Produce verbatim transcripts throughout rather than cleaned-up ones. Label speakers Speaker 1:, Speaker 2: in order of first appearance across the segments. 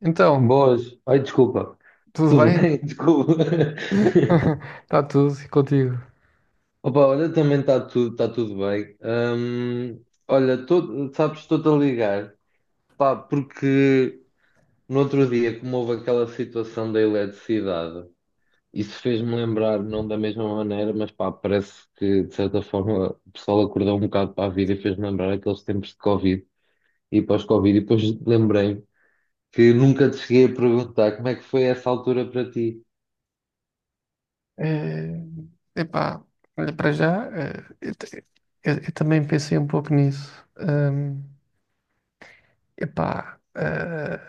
Speaker 1: Então,
Speaker 2: Boas. Ai, desculpa.
Speaker 1: tudo
Speaker 2: Tudo
Speaker 1: bem?
Speaker 2: bem? Desculpa.
Speaker 1: Está tudo e contigo?
Speaker 2: Opa, olha, também está tudo, tá tudo bem. Hum, olha, tô- sabes, estou-te a ligar. Pá, porque no outro dia, como houve aquela situação da eletricidade, isso fez-me lembrar, não da mesma maneira, mas pá, parece que de certa forma o pessoal acordou um bocado para a vida e fez-me lembrar aqueles tempos de Covid e pós-Covid. E depois lembrei que nunca te cheguei a perguntar como é que foi essa altura para ti.
Speaker 1: Eh, epá, olha, para já, eh, eu, te- eu- eu também pensei um pouco nisso. Ahm, epá, eh,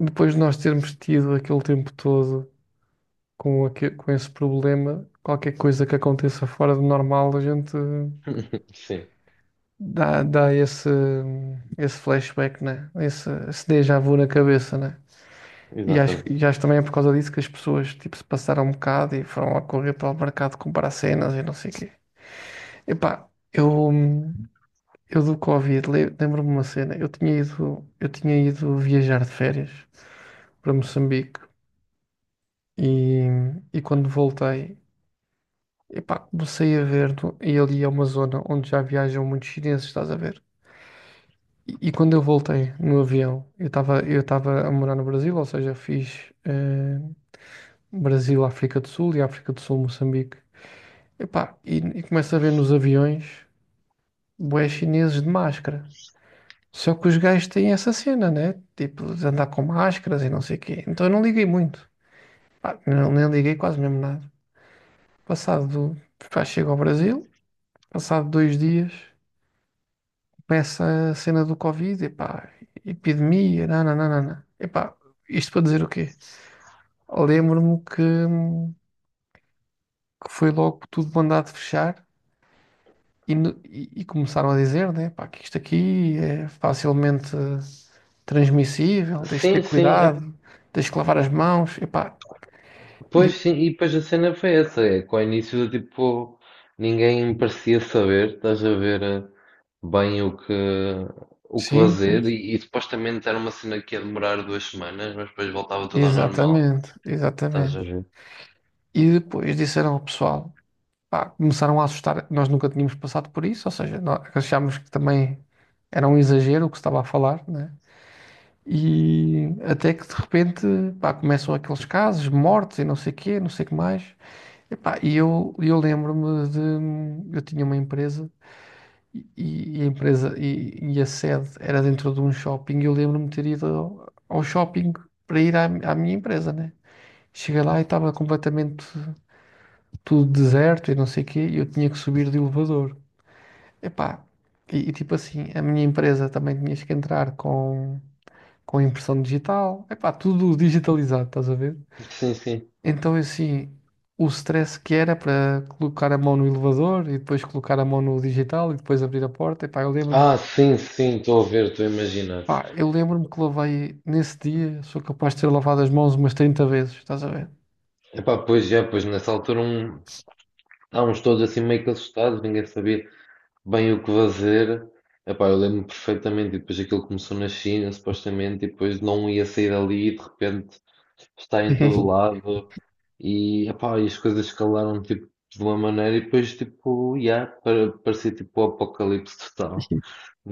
Speaker 1: Depois de nós termos tido aquele tempo todo com, aque- com esse problema, qualquer coisa que aconteça fora do normal, a gente
Speaker 2: Sim,
Speaker 1: dá, dá esse, esse flashback, né? Esse, esse déjà vu na cabeça, né? E acho,
Speaker 2: exatamente.
Speaker 1: e acho também é por causa disso que as pessoas tipo, se passaram um bocado e foram a correr para o mercado comprar cenas e não sei o quê. Epá, eu, eu do Covid le- lembro-me uma cena. Eu tinha ido, eu tinha ido viajar de férias para Moçambique e, e quando voltei, epá, comecei a ver, no- e ali é uma zona onde já viajam muitos chineses, estás a ver? E, e quando eu voltei no avião, eu estava eu estava a morar no Brasil, ou seja, fiz eh, Brasil, África do Sul e África do Sul, Moçambique. Epá, e, e começo a ver nos aviões bué chineses de máscara. Só que os gajos têm essa cena, né? Tipo, de andar com máscaras e não sei o quê. Então eu não liguei muito. Pá, não, nem liguei quase mesmo nada. Passado do... Pá, chego ao Brasil, passado dois dias, começa a cena do Covid, epá, epidemia, nananana. Epá, isto para dizer o quê? Lembro-me que, que foi logo tudo mandado fechar. E, no- e- e começaram a dizer, né, pá, que isto aqui é facilmente transmissível, tens de ter
Speaker 2: Sim, sim, é,
Speaker 1: cuidado, tens de lavar as mãos, e pá,
Speaker 2: pois
Speaker 1: e-
Speaker 2: sim, e depois a cena foi essa, é, com o início, tipo, ninguém parecia saber, estás a ver, eh, bem o que, o que
Speaker 1: sim, sim,
Speaker 2: fazer,
Speaker 1: sim.
Speaker 2: e, e supostamente era uma cena que ia demorar duas semanas, mas depois voltava tudo ao normal,
Speaker 1: Exatamente,
Speaker 2: estás a
Speaker 1: exatamente.
Speaker 2: ver?
Speaker 1: E depois disseram ao pessoal, pá, começaram a assustar, nós nunca tínhamos passado por isso, ou seja, nós achámos que também era um exagero o que se estava a falar, né? E até que de repente, pá, começam aqueles casos, mortes e não sei o quê, não sei o que mais. Epá, e eu, eu lembro-me de. Eu tinha uma empresa e, e- e a empresa e, e a sede era dentro de um shopping e eu lembro-me de ter ido ao, ao shopping para ir à, à minha empresa, né? Cheguei lá e estava completamente tudo deserto e não sei o quê e eu tinha que subir de elevador. Epá, e, e tipo assim, a minha empresa também tinhas que entrar com, com impressão digital. Epá, tudo digitalizado, estás a ver?
Speaker 2: Sim, sim.
Speaker 1: Então, assim, o stress que era para colocar a mão no elevador e depois colocar a mão no digital e depois abrir a porta, epá, eu lembro-me,
Speaker 2: Ah, sim, sim, estou a ver, estou a imaginar.
Speaker 1: pá, eu lembro-me que lavei nesse dia, sou capaz de ter lavado as mãos umas trinta vezes, estás a ver?
Speaker 2: Epá, pois já pois nessa altura um, estávamos todos assim meio que assustados, ninguém sabia bem o que fazer. Epá, eu lembro-me perfeitamente, e depois aquilo começou na China, supostamente, e depois não ia sair dali, e de repente está em todo lado, e, epá, e as coisas escalaram tipo, de uma maneira, e depois tipo, yeah, para, parecia tipo o apocalipse total,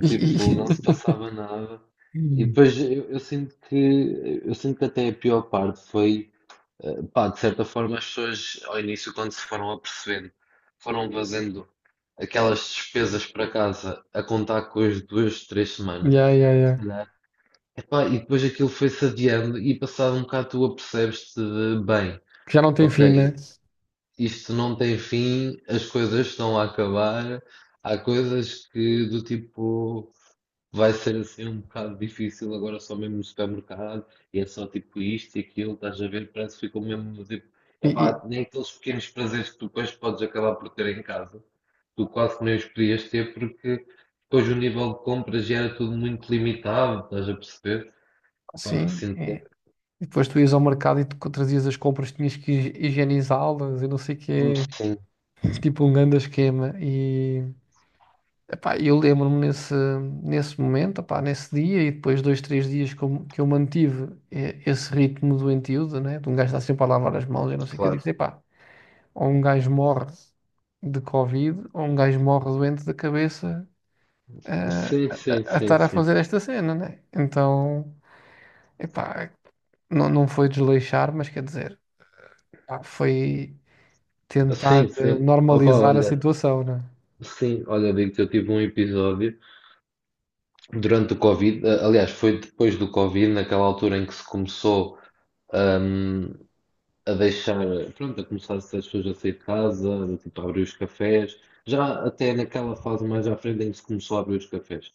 Speaker 1: E, e,
Speaker 2: tipo, não se passava nada. E depois eu, eu sinto que eu sinto que até a pior parte foi eh, pá, de certa forma, as pessoas, ao início, quando se foram apercebendo, foram fazendo aquelas despesas para casa a contar com as duas, três semanas.
Speaker 1: yeah, yeah,
Speaker 2: Se
Speaker 1: yeah.
Speaker 2: calhar. Epá, e depois aquilo foi-se adiando e passado um bocado tu apercebes-te de, bem,
Speaker 1: Que já não tem fim, né?
Speaker 2: ok, isto não tem fim, as coisas estão a acabar, há coisas que do tipo. Vai ser assim um bocado difícil agora só mesmo no supermercado e é só tipo isto e aquilo, estás a ver? Parece que ficou mesmo tipo,
Speaker 1: E,
Speaker 2: epá,
Speaker 1: e
Speaker 2: nem aqueles pequenos prazeres que tu depois podes acabar por ter em casa, tu quase nem os podias ter porque depois o nível de compras já era tudo muito limitado, estás a perceber? Epá,
Speaker 1: sim,
Speaker 2: sinto que
Speaker 1: é.
Speaker 2: é-
Speaker 1: E depois tu ias ao mercado e tu co- trazias as compras, tinhas que hi- higienizá-las e não sei o quê,
Speaker 2: Sim,
Speaker 1: tipo um grande esquema. E, epá, eu lembro-me nesse, nesse momento, epá, nesse dia, e depois dois, três dias que eu, que eu mantive eh, esse ritmo doentio, de, né, de um gajo estar sempre a lavar as mãos, e não sei o que eu disse,
Speaker 2: claro.
Speaker 1: epá, ou um gajo morre de Covid, ou um gajo morre doente da cabeça, eh,
Speaker 2: Sim,
Speaker 1: a,
Speaker 2: sim,
Speaker 1: a- a
Speaker 2: sim,
Speaker 1: estar a
Speaker 2: sim.
Speaker 1: fazer esta cena, né? Então, epá, não, não foi desleixar, mas quer dizer, pá, foi tentar
Speaker 2: Sim,
Speaker 1: eh,
Speaker 2: sim. Opa,
Speaker 1: normalizar a
Speaker 2: olha,
Speaker 1: situação, né?
Speaker 2: sim, olha, digo que eu tive um episódio durante o Covid. Eh, aliás, foi depois do Covid, naquela altura em que se começou, hum, a deixar, pronto, a começar as pessoas a sair de casa, do tipo a abrir os cafés, já até naquela fase mais à frente em que se começou a abrir os cafés.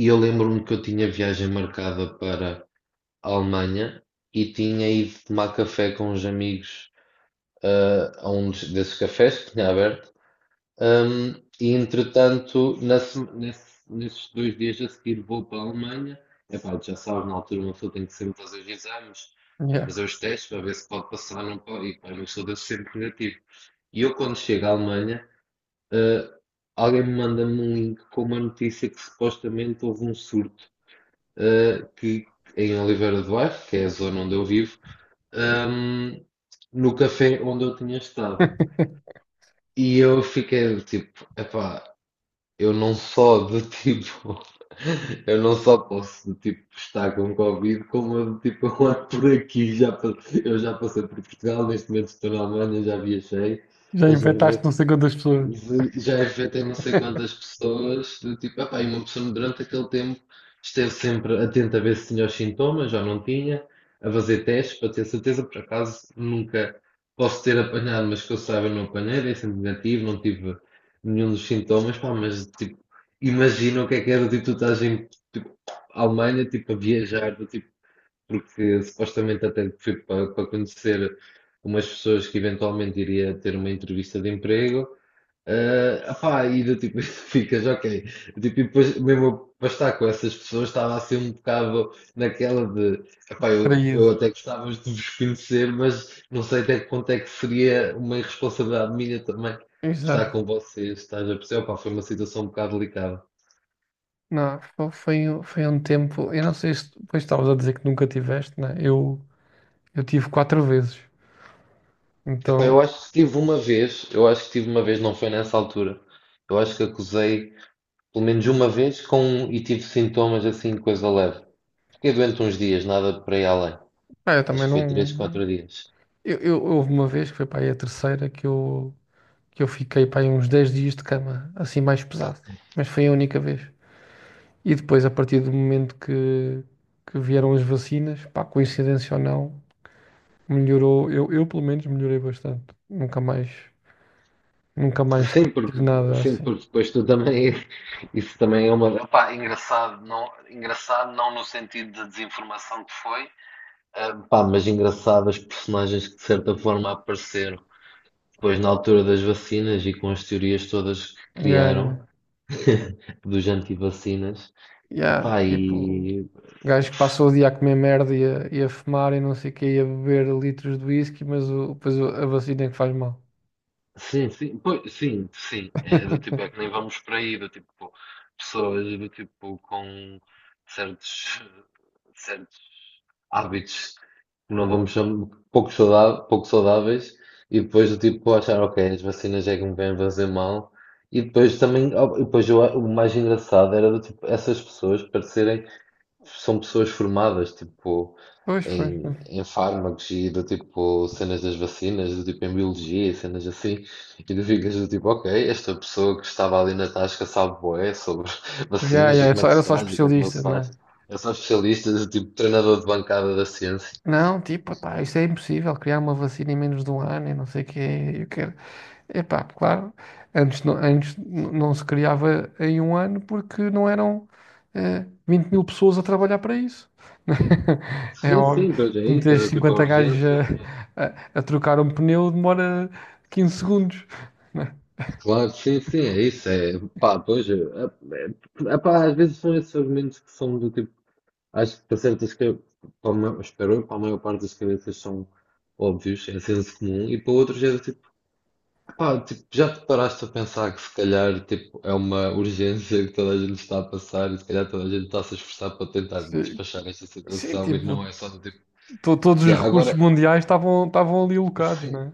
Speaker 2: E eu lembro-me que eu tinha viagem marcada para a Alemanha e tinha ido tomar café com uns amigos, ah, a um des- desses cafés que tinha aberto. Hum, e entretanto, na sema- nesse- nesses dois dias a seguir vou para a Alemanha. Epá, já sabes, na altura uma pessoa tem que sempre fazer os exames, eh,
Speaker 1: Yeah.
Speaker 2: fazer os testes para ver se pode passar ou não pode. E pá, eu sou desse sempre negativo. E eu quando chego à Alemanha, eh, alguém me manda-me um link com uma notícia que supostamente houve um surto eh, que, em Oliveira do Bairro, que é a zona onde eu vivo, hum, no café onde eu tinha estado. E eu fiquei tipo, epá, eu não só de tipo, eu não só posso tipo estar com Covid, como eu, tipo eu ando por aqui, já, pa- eu já passei por Portugal, neste momento estou na Alemanha, já viajei,
Speaker 1: Já
Speaker 2: estás a
Speaker 1: infectaste
Speaker 2: ver?
Speaker 1: não sei quantas pessoas,
Speaker 2: Já afetei não sei quantas pessoas, do tipo, epá, e uma pessoa durante aquele tempo esteve sempre atenta a ver se tinha os sintomas, já não tinha, a fazer testes para ter certeza, por acaso nunca posso ter apanhado, mas que eu saiba não apanhei, dei sempre negativo, não tive nenhum dos sintomas, pá, mas tipo, imagina o que é que era, tipo, tu estás em tipo, Alemanha, tipo, a viajar, do tipo, porque supostamente até fui para, para conhecer umas pessoas que eventualmente iria ter uma entrevista de emprego. Eh, opá, e do tipo, ficas ok. Tipo, e depois, mesmo eu para estar com essas pessoas, estava assim um bocado naquela de, epá, eu, eu
Speaker 1: traído.
Speaker 2: até gostava de vos conhecer, mas não sei até que ponto é que seria uma irresponsabilidade minha também estar
Speaker 1: Exato.
Speaker 2: com vocês, estás a perceber? Opá, foi uma situação um bocado delicada.
Speaker 1: Não, fo- foi, um- foi um tempo. Eu não sei se depois estavas a dizer que nunca tiveste, né? Eu, eu tive quatro vezes.
Speaker 2: Epá,
Speaker 1: Então,
Speaker 2: eu acho que tive uma vez, eu acho que tive uma vez, não foi nessa altura. Eu acho que acusei pelo menos uma vez com, e tive sintomas assim, coisa leve. Fiquei doente uns dias, nada para ir além.
Speaker 1: ah, eu
Speaker 2: Acho
Speaker 1: também
Speaker 2: que foi três,
Speaker 1: não.
Speaker 2: quatro dias.
Speaker 1: Eu, eu- houve uma vez que foi para aí a terceira que eu, que eu fiquei para aí uns dez dias de cama, assim mais pesado. Mas foi a única vez. E depois, a partir do momento que, que vieram as vacinas, pá, coincidência ou não, melhorou. Eu, eu pelo menos melhorei bastante. Nunca mais, nunca mais
Speaker 2: Sim, porque,
Speaker 1: tive nada
Speaker 2: sim,
Speaker 1: assim.
Speaker 2: porque depois tu também. Isso também é uma. Opá, engraçado, não, engraçado, não no sentido de desinformação que foi, pá, mas engraçado as personagens que de certa forma apareceram depois na altura das vacinas e com as teorias todas que
Speaker 1: Yeah, yeah.
Speaker 2: criaram, dos antivacinas.
Speaker 1: Yeah,
Speaker 2: Epá,
Speaker 1: tipo,
Speaker 2: e
Speaker 1: gajo que passou o dia a comer merda e a, e a fumar e não sei o que, e a beber litros de whisky, mas o, depois o- a vacina é que faz mal.
Speaker 2: sim, sim, pois, sim, sim, é do tipo, é que nem vamos para aí, do tipo, pessoas do tipo com certos, certos hábitos que não vamos chamar, pouco saudáveis, pouco saudáveis, e depois do tipo achar, ok, as vacinas é que me vêm fazer mal. E depois também, oh, e depois eu- o mais engraçado era do tipo, essas pessoas parecerem são pessoas formadas tipo
Speaker 1: Pois, pois,
Speaker 2: em,
Speaker 1: pois.
Speaker 2: em fármacos e do tipo cenas das vacinas, do tipo em biologia e cenas assim, e tu ficas do tipo, ok, esta pessoa que estava ali na tasca sabe bué sobre
Speaker 1: Yeah,
Speaker 2: vacinas
Speaker 1: yeah,
Speaker 2: e
Speaker 1: era
Speaker 2: como é
Speaker 1: só,
Speaker 2: que
Speaker 1: era
Speaker 2: se
Speaker 1: só
Speaker 2: faz e como é que não
Speaker 1: especialista,
Speaker 2: se
Speaker 1: não
Speaker 2: faz.
Speaker 1: é?
Speaker 2: É só especialista, do tipo treinador de bancada da ciência.
Speaker 1: Não, tipo, pá, isso é impossível, criar uma vacina em menos de um ano e não sei o que, eu quero. Epá, claro, antes, não, antes n- não se criava em um ano porque não eram eh, vinte mil pessoas a trabalhar para isso. É
Speaker 2: Sim,
Speaker 1: óbvio,
Speaker 2: sim, pois é
Speaker 1: que
Speaker 2: isso, é
Speaker 1: meteres
Speaker 2: do tipo a
Speaker 1: cinquenta gajos
Speaker 2: urgência. É-
Speaker 1: a, a- a trocar um pneu demora quinze segundos. Né?
Speaker 2: Claro, sim, sim, é isso. É, pá, pois, é, é, é, pá, às vezes são esses argumentos que são do tipo. Acho que para certas, ca- para uma, espero eu, para a maior parte das cabeças são óbvios, é senso comum, e para outros é do tipo, pá, tipo, já te paraste a pensar que se calhar tipo, é uma urgência que toda a gente está a passar e se calhar toda a gente está a se esforçar para tentar
Speaker 1: Sim,
Speaker 2: despachar esta
Speaker 1: sim,
Speaker 2: situação e
Speaker 1: tipo,
Speaker 2: não é só do tipo,
Speaker 1: to- todos os
Speaker 2: "Ya,
Speaker 1: recursos
Speaker 2: agora
Speaker 1: mundiais estavam estavam ali alocados,
Speaker 2: sim.
Speaker 1: né?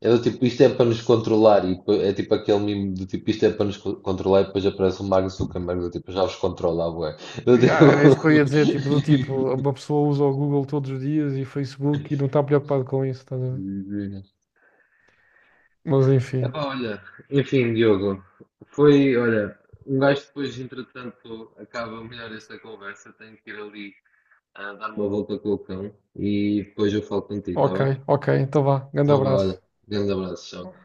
Speaker 2: É do tipo, isto é para nos controlar e depois é tipo aquele mimo do tipo, isto é para nos co- controlar e depois aparece o Mark Zuckerberg do tipo, já os controla, ué. Do
Speaker 1: E, ah,
Speaker 2: tipo...
Speaker 1: era isso que eu ia dizer, tipo, do tipo, uma pessoa usa o Google todos os dias e Facebook e não está preocupado com isso, estás a ver? Mas enfim.
Speaker 2: Epá, olha, enfim, Diogo, foi, olha, um gajo depois, entretanto, acaba melhor esta conversa, tenho que ir ali a dar uma volta com o cão e depois eu falo contigo, está
Speaker 1: Ok,
Speaker 2: bem?
Speaker 1: ok, então vá. Grande
Speaker 2: Então, vá,
Speaker 1: abraço.
Speaker 2: olha, grande abraço, tchau.